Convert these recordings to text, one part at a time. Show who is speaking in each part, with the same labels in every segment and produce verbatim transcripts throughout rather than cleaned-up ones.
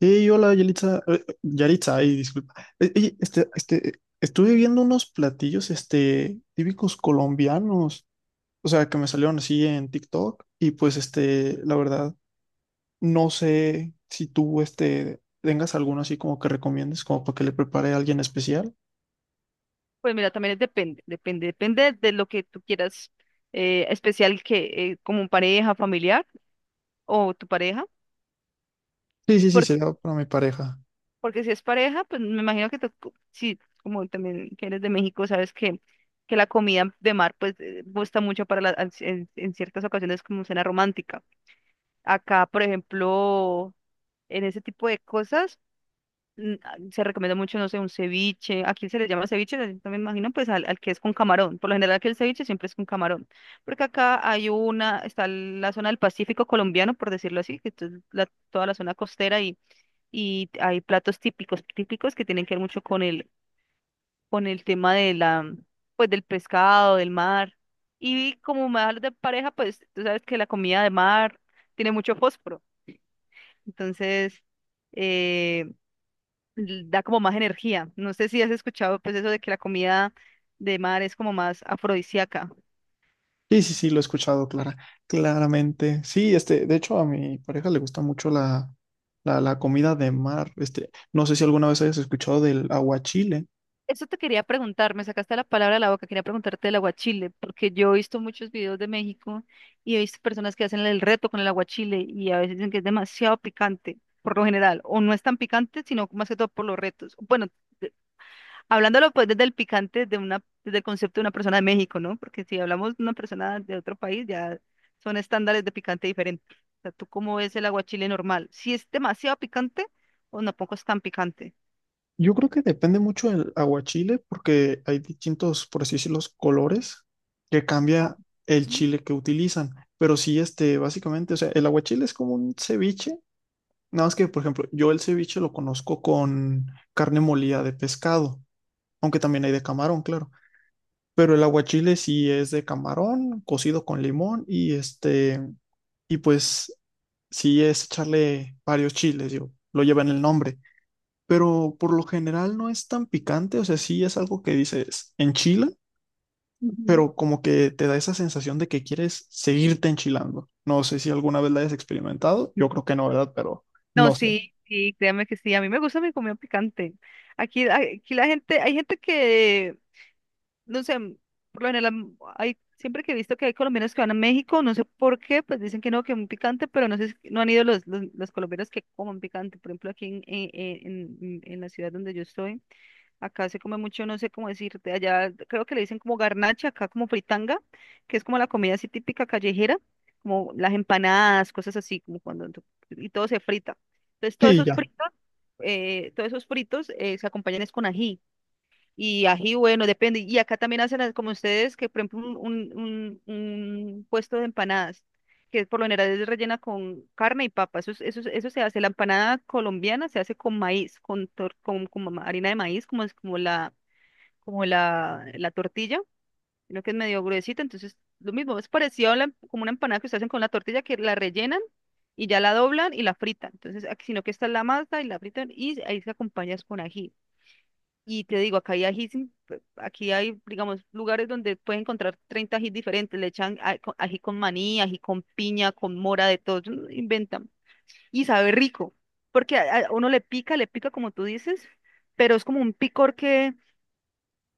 Speaker 1: Hey, hola, Yalitza. eh, eh, Yaritza, ay, disculpa. Eh, eh, este, este, estuve viendo unos platillos, este, típicos colombianos, o sea, que me salieron así en TikTok y pues, este, la verdad, no sé si tú, este, tengas alguno así como que recomiendes, como para que le prepare a alguien especial.
Speaker 2: Pues mira, también es depende, depende, depende de lo que tú quieras, eh, especial que eh, como pareja, familiar o tu pareja,
Speaker 1: Sí, sí, sí,
Speaker 2: porque,
Speaker 1: sería para mi pareja.
Speaker 2: porque si es pareja, pues me imagino que te- si como también que eres de México, sabes que, que la comida de mar pues eh, gusta mucho para la, al- en, en ciertas ocasiones como cena romántica. Acá, por ejemplo, en ese tipo de cosas. Mm, ah, se recomienda mucho, no sé, un ceviche. Aquí se le llama ceviche, también me imagino, pues al, al que es con camarón. Por lo general, que el ceviche siempre es con camarón. Porque acá hay una, está la zona del Pacífico colombiano, por decirlo así, que es la- toda la zona costera y, y hay platos típicos, típicos que tienen que ver mucho con el, con el tema de la, pues del pescado, del mar. Y como me hablas de pareja, pues tú sabes que la comida de mar tiene mucho fósforo. Entonces, eh, l- da como más energía. No sé si has escuchado pues eso de que la comida de mar es como más afrodisíaca.
Speaker 1: Sí, sí, sí, lo he escuchado, Clara, claramente. Sí, este, de hecho, a mi pareja le gusta mucho la, la, la comida de mar. Este, no sé si alguna vez hayas escuchado del aguachile.
Speaker 2: Eso te quería preguntar, me sacaste la palabra de la boca, quería preguntarte del aguachile, porque yo he visto muchos videos de México y he visto personas que hacen el reto con el aguachile y a veces dicen que es demasiado picante, por lo general, o no es tan picante, sino más que todo por los retos. Bueno, hablándolo pues desde el picante, de una, desde el concepto de una persona de México, ¿no? Porque si hablamos de una persona de otro país, ya son estándares de picante diferentes. O sea, ¿tú cómo ves el aguachile normal? ¿Si es demasiado picante o no poco es tan picante?
Speaker 1: Yo creo que depende mucho del aguachile porque hay distintos, por así decirlo, colores que
Speaker 2: Ok.
Speaker 1: cambia el chile que utilizan. Pero sí, este, básicamente, o sea, el aguachile es como un ceviche. Nada más que, por ejemplo, yo el ceviche lo conozco con carne molida de pescado, aunque también hay de camarón, claro. Pero el aguachile sí es de camarón, cocido con limón y este, y pues sí es echarle varios chiles, yo lo lleva en el nombre. Pero por lo general no es tan picante, o sea, sí es algo que dices enchila,
Speaker 2: Ujú.
Speaker 1: pero como que te da esa sensación de que quieres seguirte enchilando. No sé si alguna vez la hayas experimentado, yo creo que no, ¿verdad? Pero
Speaker 2: No,
Speaker 1: no sé.
Speaker 2: sí, sí, créame que sí. A mí me gusta mi comida picante. Aquí, aquí la gente, hay gente que no sé, por lo general mm, hay, siempre que he visto que hay colombianos que van a México, no sé por qué, pues dicen que no, que un picante, pero no sé si no han ido los, los, los colombianos que comen picante. Por ejemplo, aquí en, en, en- en- en la ciudad donde yo estoy, acá se come mucho, no sé cómo decirte, allá creo que le dicen como garnacha, acá como fritanga, que es como la comida así típica callejera, como las empanadas, cosas así, como cuando tú- y todo se frita. Entonces, todos
Speaker 1: Sí,
Speaker 2: esos
Speaker 1: ya.
Speaker 2: fritos, eh, todos esos fritos eh, se acompañan es con ají. Y ají, bueno, depende. Y acá también hacen las- como ustedes, que por ejemplo un, un, un- un puesto de empanadas, que por lo general es rellena con carne y papa. Eso, es- eso, es- eso se hace. La empanada colombiana se hace con maíz, con, tor- con, como ma- harina de maíz, como, es- como, la, como la, la tortilla, sino que es medio gruesita. Entonces, lo mismo, es parecido a la- como una empanada que ustedes hacen con la tortilla, que la rellenan y ya la doblan y la fritan. Entonces, aquí, sino que esta es la masa y la fritan y ahí se acompañas con ají. Y te digo, acá hay ají, aquí hay, digamos, lugares donde puedes encontrar treinta ají diferentes. Le echan a- co- ají con maní, ají con piña, con mora, de todo, mm, inventan. Y sabe rico, porque a, a uno le pica, le pica como tú dices, pero es como un picor que,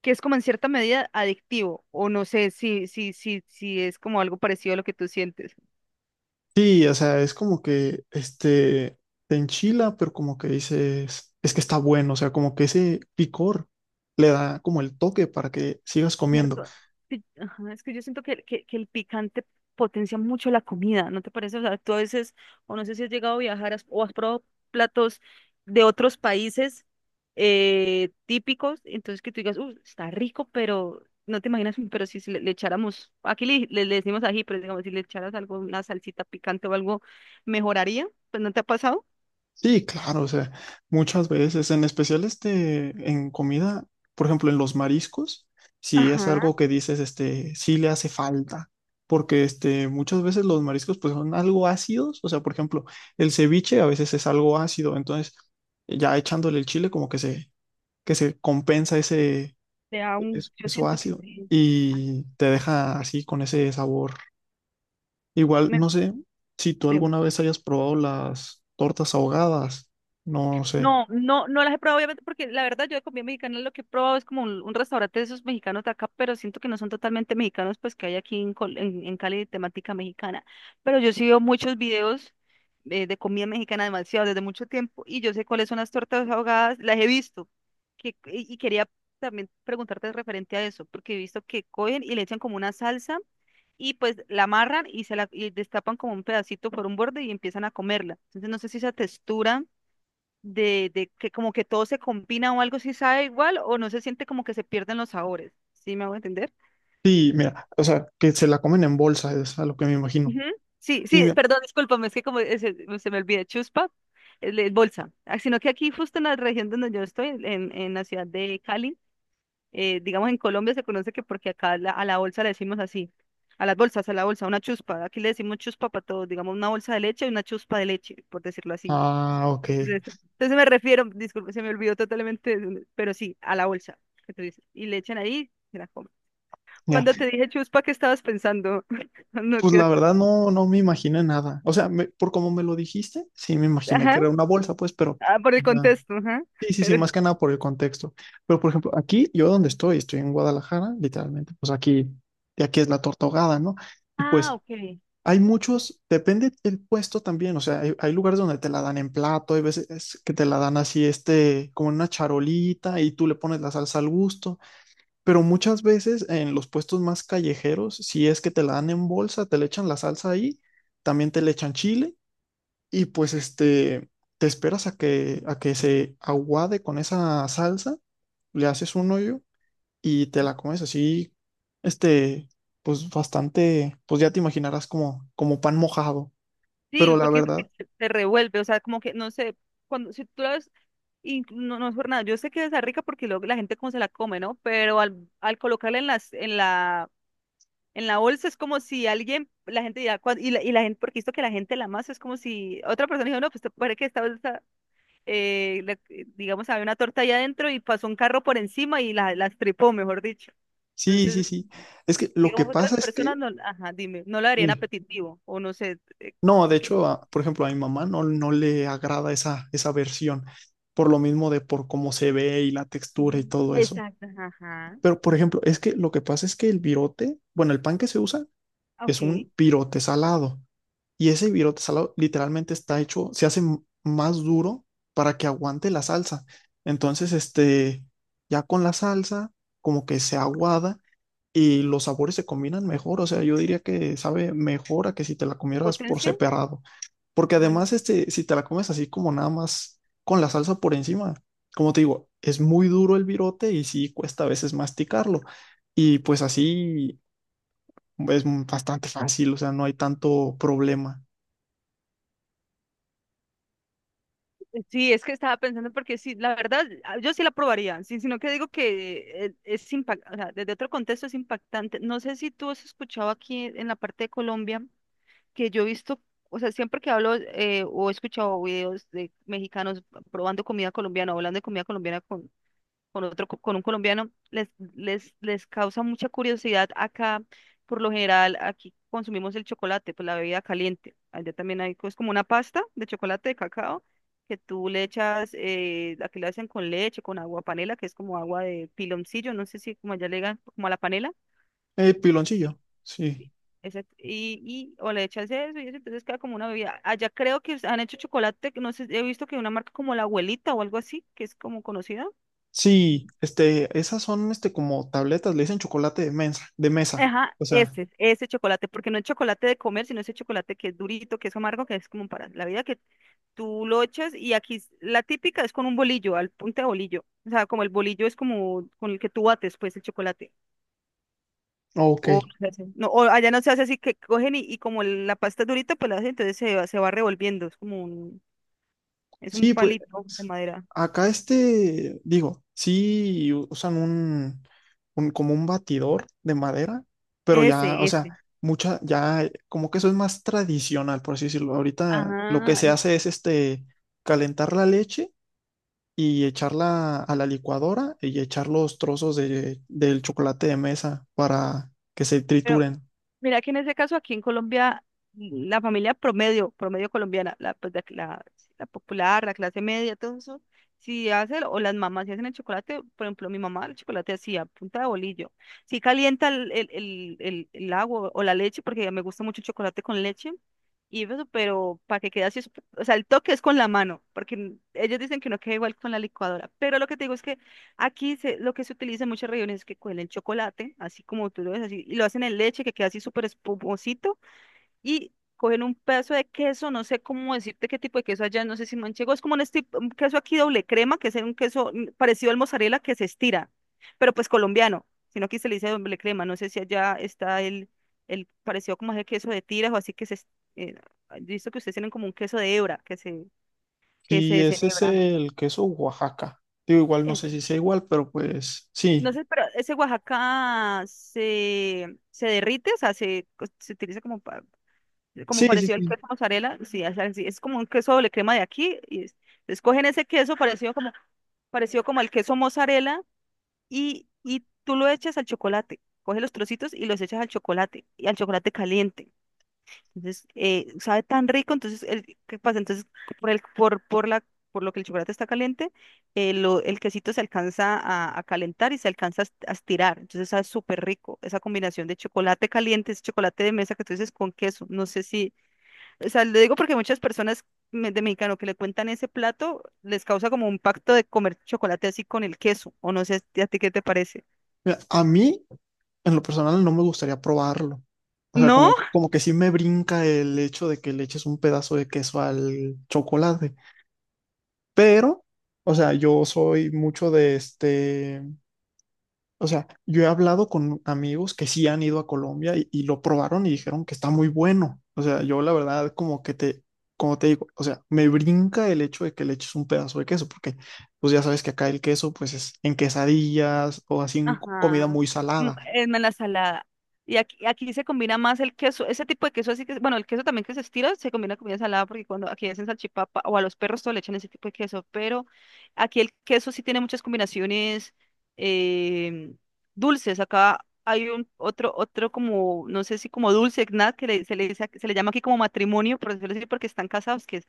Speaker 2: que es como en cierta medida adictivo, o no sé si, si, si, si es como algo parecido a lo que tú sientes.
Speaker 1: Sí, o sea, es como que este te enchila, pero como que dices, es que está bueno, o sea, como que ese picor le da como el toque para que sigas comiendo.
Speaker 2: Cierto. Sí, ajá, es que yo siento que, que, que el picante potencia mucho la comida, ¿no te parece? O sea, tú a veces, o no sé si has llegado a viajar has- o has probado platos de otros países eh, típicos, entonces que tú digas, uh, está rico, pero no te imaginas, pero si se le, le echáramos, aquí le, le- le decimos ají, pero digamos, si le echaras algo, una salsita picante o algo, ¿mejoraría? Pues ¿no te ha pasado?
Speaker 1: Sí, claro, o sea, muchas veces, en especial este, en comida, por ejemplo, en los mariscos, si es
Speaker 2: Ajá,
Speaker 1: algo que dices, este, sí le hace falta, porque este, muchas veces los mariscos pues son algo ácidos, o sea, por ejemplo, el ceviche a veces es algo ácido, entonces ya echándole el chile como que se, que se compensa ese,
Speaker 2: te da un-
Speaker 1: es-
Speaker 2: yo
Speaker 1: eso
Speaker 2: siento que
Speaker 1: ácido
Speaker 2: sí. Ah,
Speaker 1: y te deja así con ese sabor. Igual,
Speaker 2: Me,
Speaker 1: no sé si tú
Speaker 2: me
Speaker 1: alguna vez hayas probado las tortas ahogadas. No sé.
Speaker 2: no, no, no las he probado, obviamente, porque la verdad yo de comida mexicana lo que he probado es como un, un restaurante de esos mexicanos de acá, pero siento que no son totalmente mexicanos, pues que hay aquí en, Col- en, en Cali de temática mexicana. Pero yo sí veo muchos videos eh, de comida mexicana demasiado, desde mucho tiempo, y yo sé cuáles son las tortas ahogadas, las he visto. Que, y y quería también preguntarte referente a eso, porque he visto que cogen y le echan como una salsa y pues la amarran y se la y destapan como un pedacito por un borde y empiezan a comerla. Entonces no sé si esa textura de, de que como que todo se combina o algo si sabe igual o no se siente como que se pierden los sabores. ¿Sí me hago entender?
Speaker 1: Sí, mira, o sea, que se la comen en bolsa, es a lo que me imagino.
Speaker 2: Ujú. Sí,
Speaker 1: Sí,
Speaker 2: sí,
Speaker 1: mira.
Speaker 2: perdón, discúlpame, es que como eh, se, se me olvida, chuspa, el, el bolsa. Ah, sino que aquí justo en la región donde yo estoy, en, en la ciudad de Cali, eh, digamos en Colombia se conoce que porque acá la- a la bolsa le decimos así, a las bolsas, a la bolsa, una chuspa. Aquí le decimos chuspa para todo, digamos una bolsa de leche y una chuspa de leche, por decirlo así.
Speaker 1: Ah, ok.
Speaker 2: Entonces eso. Entonces me refiero, disculpe, se me olvidó totalmente, de- pero sí, a la bolsa que tú dices. Y le echan ahí, se la comen.
Speaker 1: Ya.
Speaker 2: Cuando te dije chuspa, ¿qué estabas pensando? No,
Speaker 1: Pues
Speaker 2: ¿qué
Speaker 1: la
Speaker 2: haces?
Speaker 1: verdad no, no me imaginé nada. O sea, me- por como me lo dijiste, sí me imaginé que
Speaker 2: Ajá,
Speaker 1: era una bolsa, pues, pero
Speaker 2: ah, por
Speaker 1: o
Speaker 2: el
Speaker 1: sea,
Speaker 2: contexto, ajá.
Speaker 1: sí, sí, sí,
Speaker 2: Pero,
Speaker 1: más que nada por el contexto. Pero, por ejemplo, aquí, yo donde estoy, estoy en Guadalajara, literalmente. Pues aquí, de aquí es la torta ahogada, ¿no? Y
Speaker 2: ah,
Speaker 1: pues
Speaker 2: ok,
Speaker 1: hay muchos, depende del puesto también, o sea, hay, hay lugares donde te la dan en plato, hay veces que te la dan así, este, como en una charolita y tú le pones la salsa al gusto, pero muchas veces en los puestos más callejeros, si es que te la dan en bolsa, te le echan la salsa ahí, también te le echan chile y pues este, te esperas a que, a que se aguade con esa salsa, le haces un hoyo y te la comes así, este, pues bastante, pues ya te imaginarás como, como pan mojado.
Speaker 2: sí,
Speaker 1: Pero la
Speaker 2: porque
Speaker 1: verdad,
Speaker 2: se se revuelve, o sea, como que, no sé, cuando, si tú la ves, y no, no es por nada, yo sé que es rica porque luego la gente como se la come, ¿no? Pero al, al colocarla en las, en la En la bolsa es como si alguien, la gente dirá, cuan- y la, y la gente, porque esto que la gente la masa es como si otra persona dijo, no, pues te parece que esta bolsa, eh, la- eh, digamos, había una torta ahí adentro y pasó un carro por encima y la, la estripó mejor dicho.
Speaker 1: sí, sí,
Speaker 2: Entonces,
Speaker 1: sí. Es que lo que
Speaker 2: digamos, otras
Speaker 1: pasa es
Speaker 2: personas
Speaker 1: que,
Speaker 2: no, ajá, dime, no la harían
Speaker 1: mira,
Speaker 2: apetitivo, o no sé, eh,
Speaker 1: no, de
Speaker 2: qué-
Speaker 1: hecho, a- por ejemplo, a mi mamá no, no le agrada esa, esa versión, por lo mismo de por cómo se ve y la textura
Speaker 2: Ajá.
Speaker 1: y todo eso.
Speaker 2: Exacto, ajá, ajá.
Speaker 1: Pero, por ejemplo, es que lo que pasa es que el virote, bueno, el pan que se usa es
Speaker 2: Ok,
Speaker 1: un virote salado. Y ese virote salado literalmente está hecho, se hace m- más duro para que aguante la salsa. Entonces, este, ya con la salsa, como que se aguada y los sabores se combinan mejor, o sea, yo diría que sabe mejor a que si te la comieras por
Speaker 2: potencia,
Speaker 1: separado, porque además este, si te la comes así como nada más con la salsa por encima, como te digo, es muy duro el virote y sí cuesta a veces masticarlo, y pues así es bastante fácil, o sea, no hay tanto problema.
Speaker 2: sí, es que estaba pensando porque sí, la verdad, ah, yo sí la probaría, sí, sino que digo que eh, es impactante, o sea, desde otro contexto es impactante. No sé si tú has escuchado aquí en la parte de Colombia, que yo he visto, o sea, siempre que hablo eh, o he escuchado videos de mexicanos probando comida colombiana o hablando de comida colombiana con otro, co- con un colombiano, les, les, les causa mucha curiosidad acá. Por lo general, aquí consumimos el chocolate, pues la bebida caliente. Allá también hay, es como una pasta de chocolate de cacao que tú le echas, eh, aquí la hacen con leche, con agua panela, que es como agua de piloncillo, no sé si como allá le digan, como a la panela.
Speaker 1: Eh,
Speaker 2: Sí,
Speaker 1: piloncillo, sí.
Speaker 2: sí. Exacto. Y, y o le echas eso y eso, entonces queda como una bebida. Allá creo que han hecho chocolate, que no sé, he visto que una marca como La Abuelita o algo así, que es como conocida.
Speaker 1: Sí, este, esas son este como tabletas, le dicen chocolate de mesa, de mesa,
Speaker 2: Ajá,
Speaker 1: o sea,
Speaker 2: ese, ese chocolate, porque no es chocolate de comer, sino ese chocolate que es durito, que es amargo, que es como para la vida, que tú lo echas y aquí es- la típica es con un bolillo, al punto de bolillo. O sea, como el bolillo es como con el que tú bates, pues, el chocolate.
Speaker 1: ok.
Speaker 2: O, no, se hace- no, o allá no se hace así, que cogen y, y como el- la pasta es durita, pues la hacen, entonces se, va- se va revolviendo, es como un, es un
Speaker 1: Sí, pues
Speaker 2: palito de madera.
Speaker 1: acá este, digo, sí usan un, un- como un batidor de madera, pero
Speaker 2: Ese,
Speaker 1: ya, o sea,
Speaker 2: ese.
Speaker 1: mucha, ya eh, como que eso es más tradicional, por así decirlo. Ahorita lo que
Speaker 2: Ajá,
Speaker 1: se hace es este, calentar la leche y echarla a la licuadora y echar los trozos de, del chocolate de mesa para que se
Speaker 2: pero
Speaker 1: trituren.
Speaker 2: mira que en ese caso aquí en Colombia, mm, la familia promedio, promedio colombiana, la, pues, la, la- la popular, la clase media, todo eso, si hace, o las mamás si hacen el chocolate, por ejemplo, mi mamá el chocolate hacía a punta de bolillo. Si calienta el, el, el, el- el agua o la leche, porque me gusta mucho el chocolate con leche, y eso, pero para que quede así, o sea, el toque es con la mano, porque mm, ellos dicen que no queda igual con la licuadora, pero lo que te digo es que Aquí se- lo que se utiliza en muchas regiones es que cogen el chocolate, así como tú lo ves, así, y lo hacen en leche, que queda así súper espumosito, y cogen un pedazo de queso. No sé cómo decirte qué tipo de queso allá, no sé si manchego, es como un, esti- un queso aquí doble crema, que es un queso mm, parecido al mozzarella que se estira, pero pues colombiano, sino aquí se le dice doble crema. No sé si allá está el, el parecido como ese queso de tiras o así que se, es- eh, he visto que ustedes tienen como un queso de hebra, que se, que se
Speaker 1: Sí, ese
Speaker 2: deshebra.
Speaker 1: es el queso Oaxaca. Digo, igual no sé si sea igual, pero pues
Speaker 2: No
Speaker 1: sí.
Speaker 2: sé, pero ese Oaxaca se, se derrite, o sea, se, co- se utiliza como, pa- como
Speaker 1: Sí, sí,
Speaker 2: parecido al
Speaker 1: sí.
Speaker 2: queso mozzarella. Sí, es, así, es como un queso doble crema de aquí. Y es- entonces ese queso parecido como, parecido como el queso mozzarella, y, y tú lo echas al chocolate. Coges los trocitos y los echas al chocolate, y al chocolate caliente. Entonces, eh, sabe tan rico. Entonces, el, ¿qué pasa? Entonces, por el, por, por la, por lo que el chocolate está caliente, eh, lo- el quesito se alcanza a, a calentar y se alcanza a est- a estirar. Entonces, sabe súper rico esa combinación de chocolate caliente, ese chocolate de mesa que tú dices con queso. No sé si, o sea, le digo porque muchas personas me- de mexicano que le cuentan ese plato, les causa como un pacto de comer chocolate así con el queso, o no sé, ¿a ti qué te parece?
Speaker 1: Mira, a mí, en lo personal, no me gustaría probarlo. O sea,
Speaker 2: ¿No?
Speaker 1: como, como que sí me brinca el hecho de que le eches un pedazo de queso al chocolate. Pero, o sea, yo soy mucho de este. O sea, yo he hablado con amigos que sí han ido a Colombia y, y lo probaron y dijeron que está muy bueno. O sea, yo la verdad, como que te, como te digo, o sea, me brinca el hecho de que le eches un pedazo de queso, porque pues ya sabes que acá el queso, pues es en quesadillas o así en comida
Speaker 2: Ajá.
Speaker 1: muy
Speaker 2: Mm,
Speaker 1: salada.
Speaker 2: en en la salada. Y aquí, aquí se combina más el queso, ese tipo de queso así que, bueno, el queso también que se estira se combina con comida salada, porque cuando aquí hacen salchipapa o a los perros todo le echan ese tipo de queso, pero aquí el queso sí tiene muchas combinaciones eh, dulces. Acá hay un otro, otro como, no sé si como dulce, nada, que le- se le, dice ac- se le llama aquí como matrimonio, por decirlo así, porque están casados, que es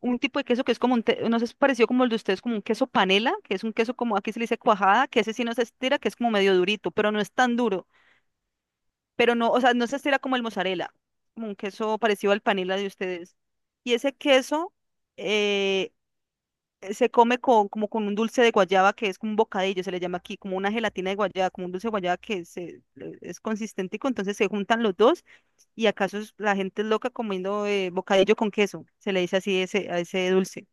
Speaker 2: un tipo de queso que es como un, te- no sé, es parecido como el de ustedes, como un queso panela, que es un queso como, aquí se le dice cuajada, que ese sí no se estira, que es como medio durito, pero no es tan duro, pero no, o sea, no se estira como el mozzarella, como un queso parecido al panela de ustedes. Y ese queso eh, se come con, como con un dulce de guayaba, que es como un bocadillo, se le llama aquí, como una gelatina de guayaba, como un dulce de guayaba que se, es consistente, entonces se juntan los dos. Y acaso la gente es loca comiendo eh, bocadillo con queso, se le dice así ese, a ese dulce.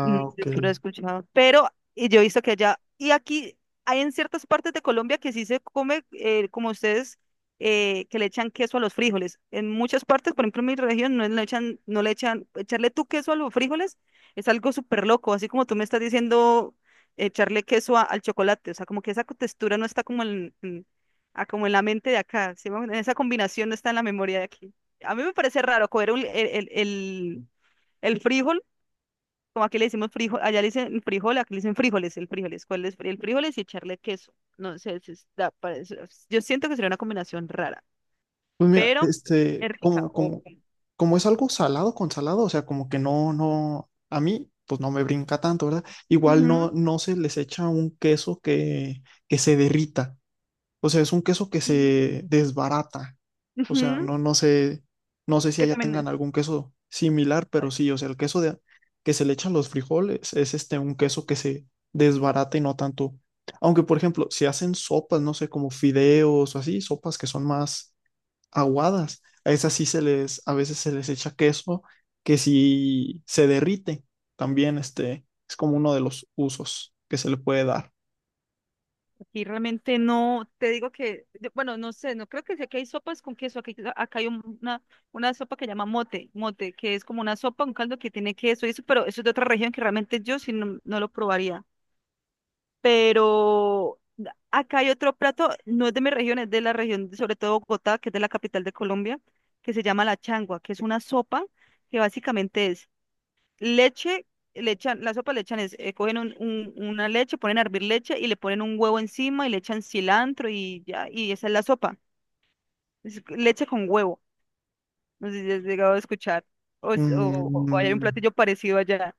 Speaker 2: Mm, sí,
Speaker 1: ok.
Speaker 2: sí lo he escuchado. Pero y yo he visto que allá, y aquí hay en ciertas partes de Colombia que sí se come, eh, como ustedes, eh, que le echan queso a los frijoles. En muchas partes, por ejemplo, en mi región, no le echan, no le echan, echarle tú queso a los frijoles es algo súper loco, así como tú me estás diciendo echarle queso a- al chocolate, o sea, como que esa textura no está como en, en- ah, como en la mente de acá, ¿sí? me Esa combinación no está en la memoria de aquí. A mí me parece raro comer un- el, el, el el frijol, como aquí le decimos frijol, allá le dicen frijol, aquí le dicen frijoles, el frijoles. ¿Cuál es el frijoles y echarle queso? No sé, si está, parece- yo siento que sería una combinación rara,
Speaker 1: Pues mira,
Speaker 2: pero
Speaker 1: este,
Speaker 2: es rica.
Speaker 1: como,
Speaker 2: Ok.
Speaker 1: como, como es algo salado con salado, o sea, como que no, no, a mí, pues no me brinca tanto, ¿verdad? Igual no,
Speaker 2: Ujú.
Speaker 1: no se les echa un queso que, que se derrita. O sea, es un queso que se desbarata. O sea,
Speaker 2: Ujú,
Speaker 1: no, no sé, no sé si
Speaker 2: que
Speaker 1: allá tengan
Speaker 2: también
Speaker 1: algún queso similar, pero sí, o sea, el queso de, que se le echa a los frijoles es este un queso que se desbarata y no tanto. Aunque, por ejemplo, si hacen sopas, no sé, como fideos o así, sopas que son más aguadas, a esas sí se les, a veces se les echa queso que sí se derrite. También este es como uno de los usos que se le puede dar.
Speaker 2: aquí realmente no, te digo que, yo- bueno, no sé, no creo que sea que hay sopas con queso aquí. Acá hay un- una, una sopa que llama mote, mote, que es como una sopa, un caldo que tiene queso y eso, pero eso es de otra región que realmente yo sí no, no lo probaría. Pero acá hay otro plato, no es de mi región, es de la región, de- sobre todo Bogotá, que es de la capital de Colombia, que se llama la changua, que es una sopa que básicamente es leche. Le echan, la sopa le echan, es, eh, cogen un- un- una leche, ponen a hervir leche y le ponen un huevo encima y le echan cilantro y ya, y esa es la sopa, es leche con huevo. No sé si has llegado a escuchar, o, es- o, o hay un
Speaker 1: Mm,
Speaker 2: platillo parecido allá.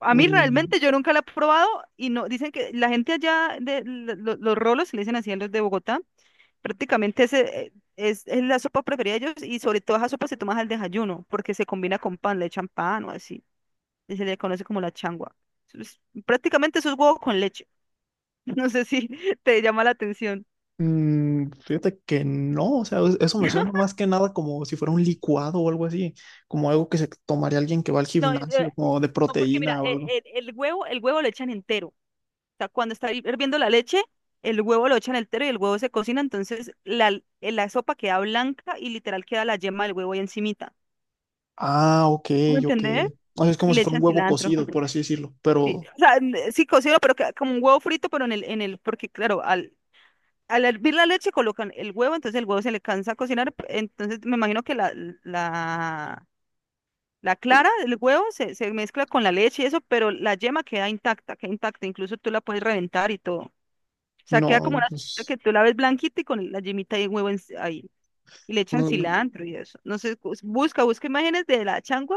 Speaker 2: A mí
Speaker 1: mm,
Speaker 2: realmente yo nunca la he probado y no, dicen que la gente allá de lo- lo- los rolos, se le dicen así a los de Bogotá, prácticamente ese, eh, es, es la sopa preferida de ellos, y sobre todo esa sopa se toma al desayuno porque se combina con pan, le echan pan o así, y se le conoce como la changua. Eso es- Prácticamente eso es huevo con leche. No sé si te llama la atención.
Speaker 1: mm, fíjate que no, o sea, es- eso me suena más que nada como si fuera un licuado o algo así, como algo que se tomaría alguien que va al
Speaker 2: No, eh,
Speaker 1: gimnasio, como de
Speaker 2: no, porque mira,
Speaker 1: proteína o algo.
Speaker 2: eh, el, el huevo, el huevo lo echan entero. Sea, cuando está hirviendo la leche, el huevo lo echan entero y el huevo se cocina, entonces la, la sopa queda blanca y literal queda la yema del huevo ahí encimita.
Speaker 1: Ah, ok,
Speaker 2: ¿Sí? ¿Me
Speaker 1: ok.
Speaker 2: entender?
Speaker 1: O sea, es
Speaker 2: Y
Speaker 1: como si
Speaker 2: le
Speaker 1: fuera un
Speaker 2: echan
Speaker 1: huevo
Speaker 2: cilantro.
Speaker 1: cocido, por así decirlo,
Speaker 2: Sí,
Speaker 1: pero
Speaker 2: o sea, n- eh, sí cocino, pero que- como un huevo frito, pero en el, en el, porque claro, al, al hervir la leche colocan el huevo, entonces el huevo se le cansa a cocinar, p- entonces me imagino que la, la, la clara del huevo se, se mezcla con la leche y eso, pero la yema queda intacta, queda intacta, incluso tú la puedes reventar y todo. O sea, queda como
Speaker 1: no,
Speaker 2: una salsita
Speaker 1: pues
Speaker 2: que tú la ves blanquita y con la yemita y el huevo en- ahí. Y le echan
Speaker 1: mm,
Speaker 2: cilantro y eso. No sé, cus- busca, busca imágenes de la changua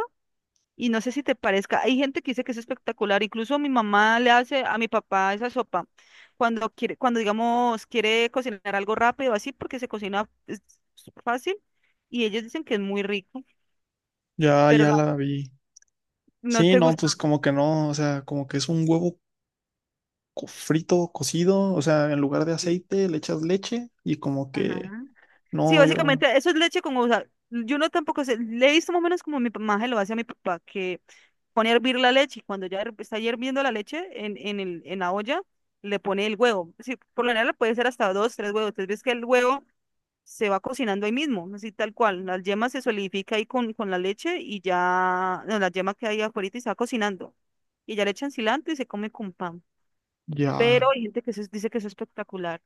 Speaker 2: y no sé si te parezca. Hay gente que dice que es espectacular. Incluso mi mamá le hace a mi papá esa sopa cuando quiere, cuando digamos quiere cocinar algo rápido así, porque se cocina es fácil. Y ellos dicen que es muy rico,
Speaker 1: ya,
Speaker 2: pero
Speaker 1: ya
Speaker 2: la-
Speaker 1: la vi.
Speaker 2: no
Speaker 1: Sí,
Speaker 2: te
Speaker 1: no,
Speaker 2: gusta.
Speaker 1: pues como que no, o sea, como que es un huevo co- frito, cocido, o sea, en lugar de aceite le echas leche y como que
Speaker 2: Ajá. Sí,
Speaker 1: no, yo
Speaker 2: básicamente eso es leche con, o sea, yo no tampoco sé, le he visto más o menos como mi mamá se lo hace a mi papá, que pone a hervir la leche y cuando ya her- está hirviendo la leche en, en, el, en la olla, le pone el huevo. Sí, por lo general puede ser hasta dos, tres huevos. Entonces ves que el huevo se va cocinando ahí mismo, así tal cual. La yema se solidifica ahí con, con la leche y ya, no, la yema que hay afuera y se va cocinando. Y ya le echan cilantro y se come con pan.
Speaker 1: ya.
Speaker 2: Pero hay gente que eso es- dice que eso es espectacular.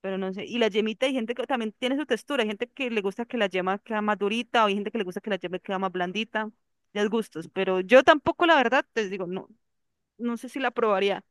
Speaker 2: Pero no sé, y la yemita, hay gente que también tiene su textura, hay gente que le gusta que la yema queda más durita, o hay gente que le gusta que la yema queda más blandita, ya es gustos, pero yo tampoco, la verdad, les digo, no, no sé si la probaría,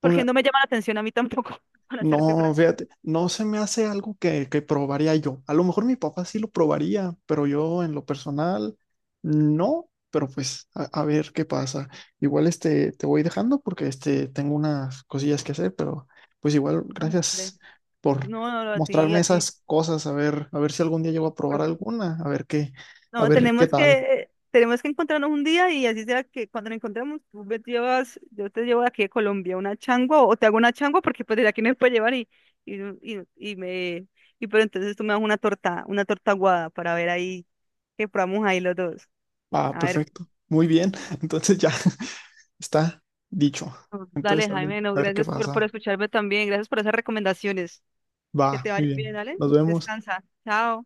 Speaker 2: porque
Speaker 1: Pues,
Speaker 2: no me llama la atención a mí tampoco, para serte
Speaker 1: no,
Speaker 2: franca.
Speaker 1: fíjate, no se me hace algo que, que probaría yo. A lo mejor mi papá sí lo probaría, pero yo en lo personal no, pero pues a, a ver qué pasa. Igual este te voy dejando porque este tengo unas cosillas que hacer, pero pues igual
Speaker 2: Ándale.
Speaker 1: gracias por
Speaker 2: No, no, no, a ti,
Speaker 1: mostrarme
Speaker 2: a ti.
Speaker 1: esas cosas, a ver, a ver si algún día llego a probar
Speaker 2: pero-
Speaker 1: alguna, a ver qué, a
Speaker 2: No,
Speaker 1: ver qué
Speaker 2: tenemos
Speaker 1: tal.
Speaker 2: que, tenemos que encontrarnos un día y así sea que cuando nos encontremos, tú me llevas, yo te llevo de aquí de Colombia una changua, o te hago una changua porque pues de aquí no me puede llevar, y, y, y, y me, y pero entonces tú me das una torta, una torta aguada para ver ahí que probamos ahí los dos.
Speaker 1: Ah,
Speaker 2: A ver.
Speaker 1: perfecto. Muy bien. Entonces ya está dicho.
Speaker 2: Dale,
Speaker 1: Entonces, a ver,
Speaker 2: Jaime, no,
Speaker 1: a ver qué
Speaker 2: gracias por, por
Speaker 1: pasa.
Speaker 2: escucharme también, gracias por esas recomendaciones. Que
Speaker 1: Va,
Speaker 2: te
Speaker 1: muy
Speaker 2: vaya bien,
Speaker 1: bien.
Speaker 2: dale.
Speaker 1: Nos vemos.
Speaker 2: Descansa. Chao.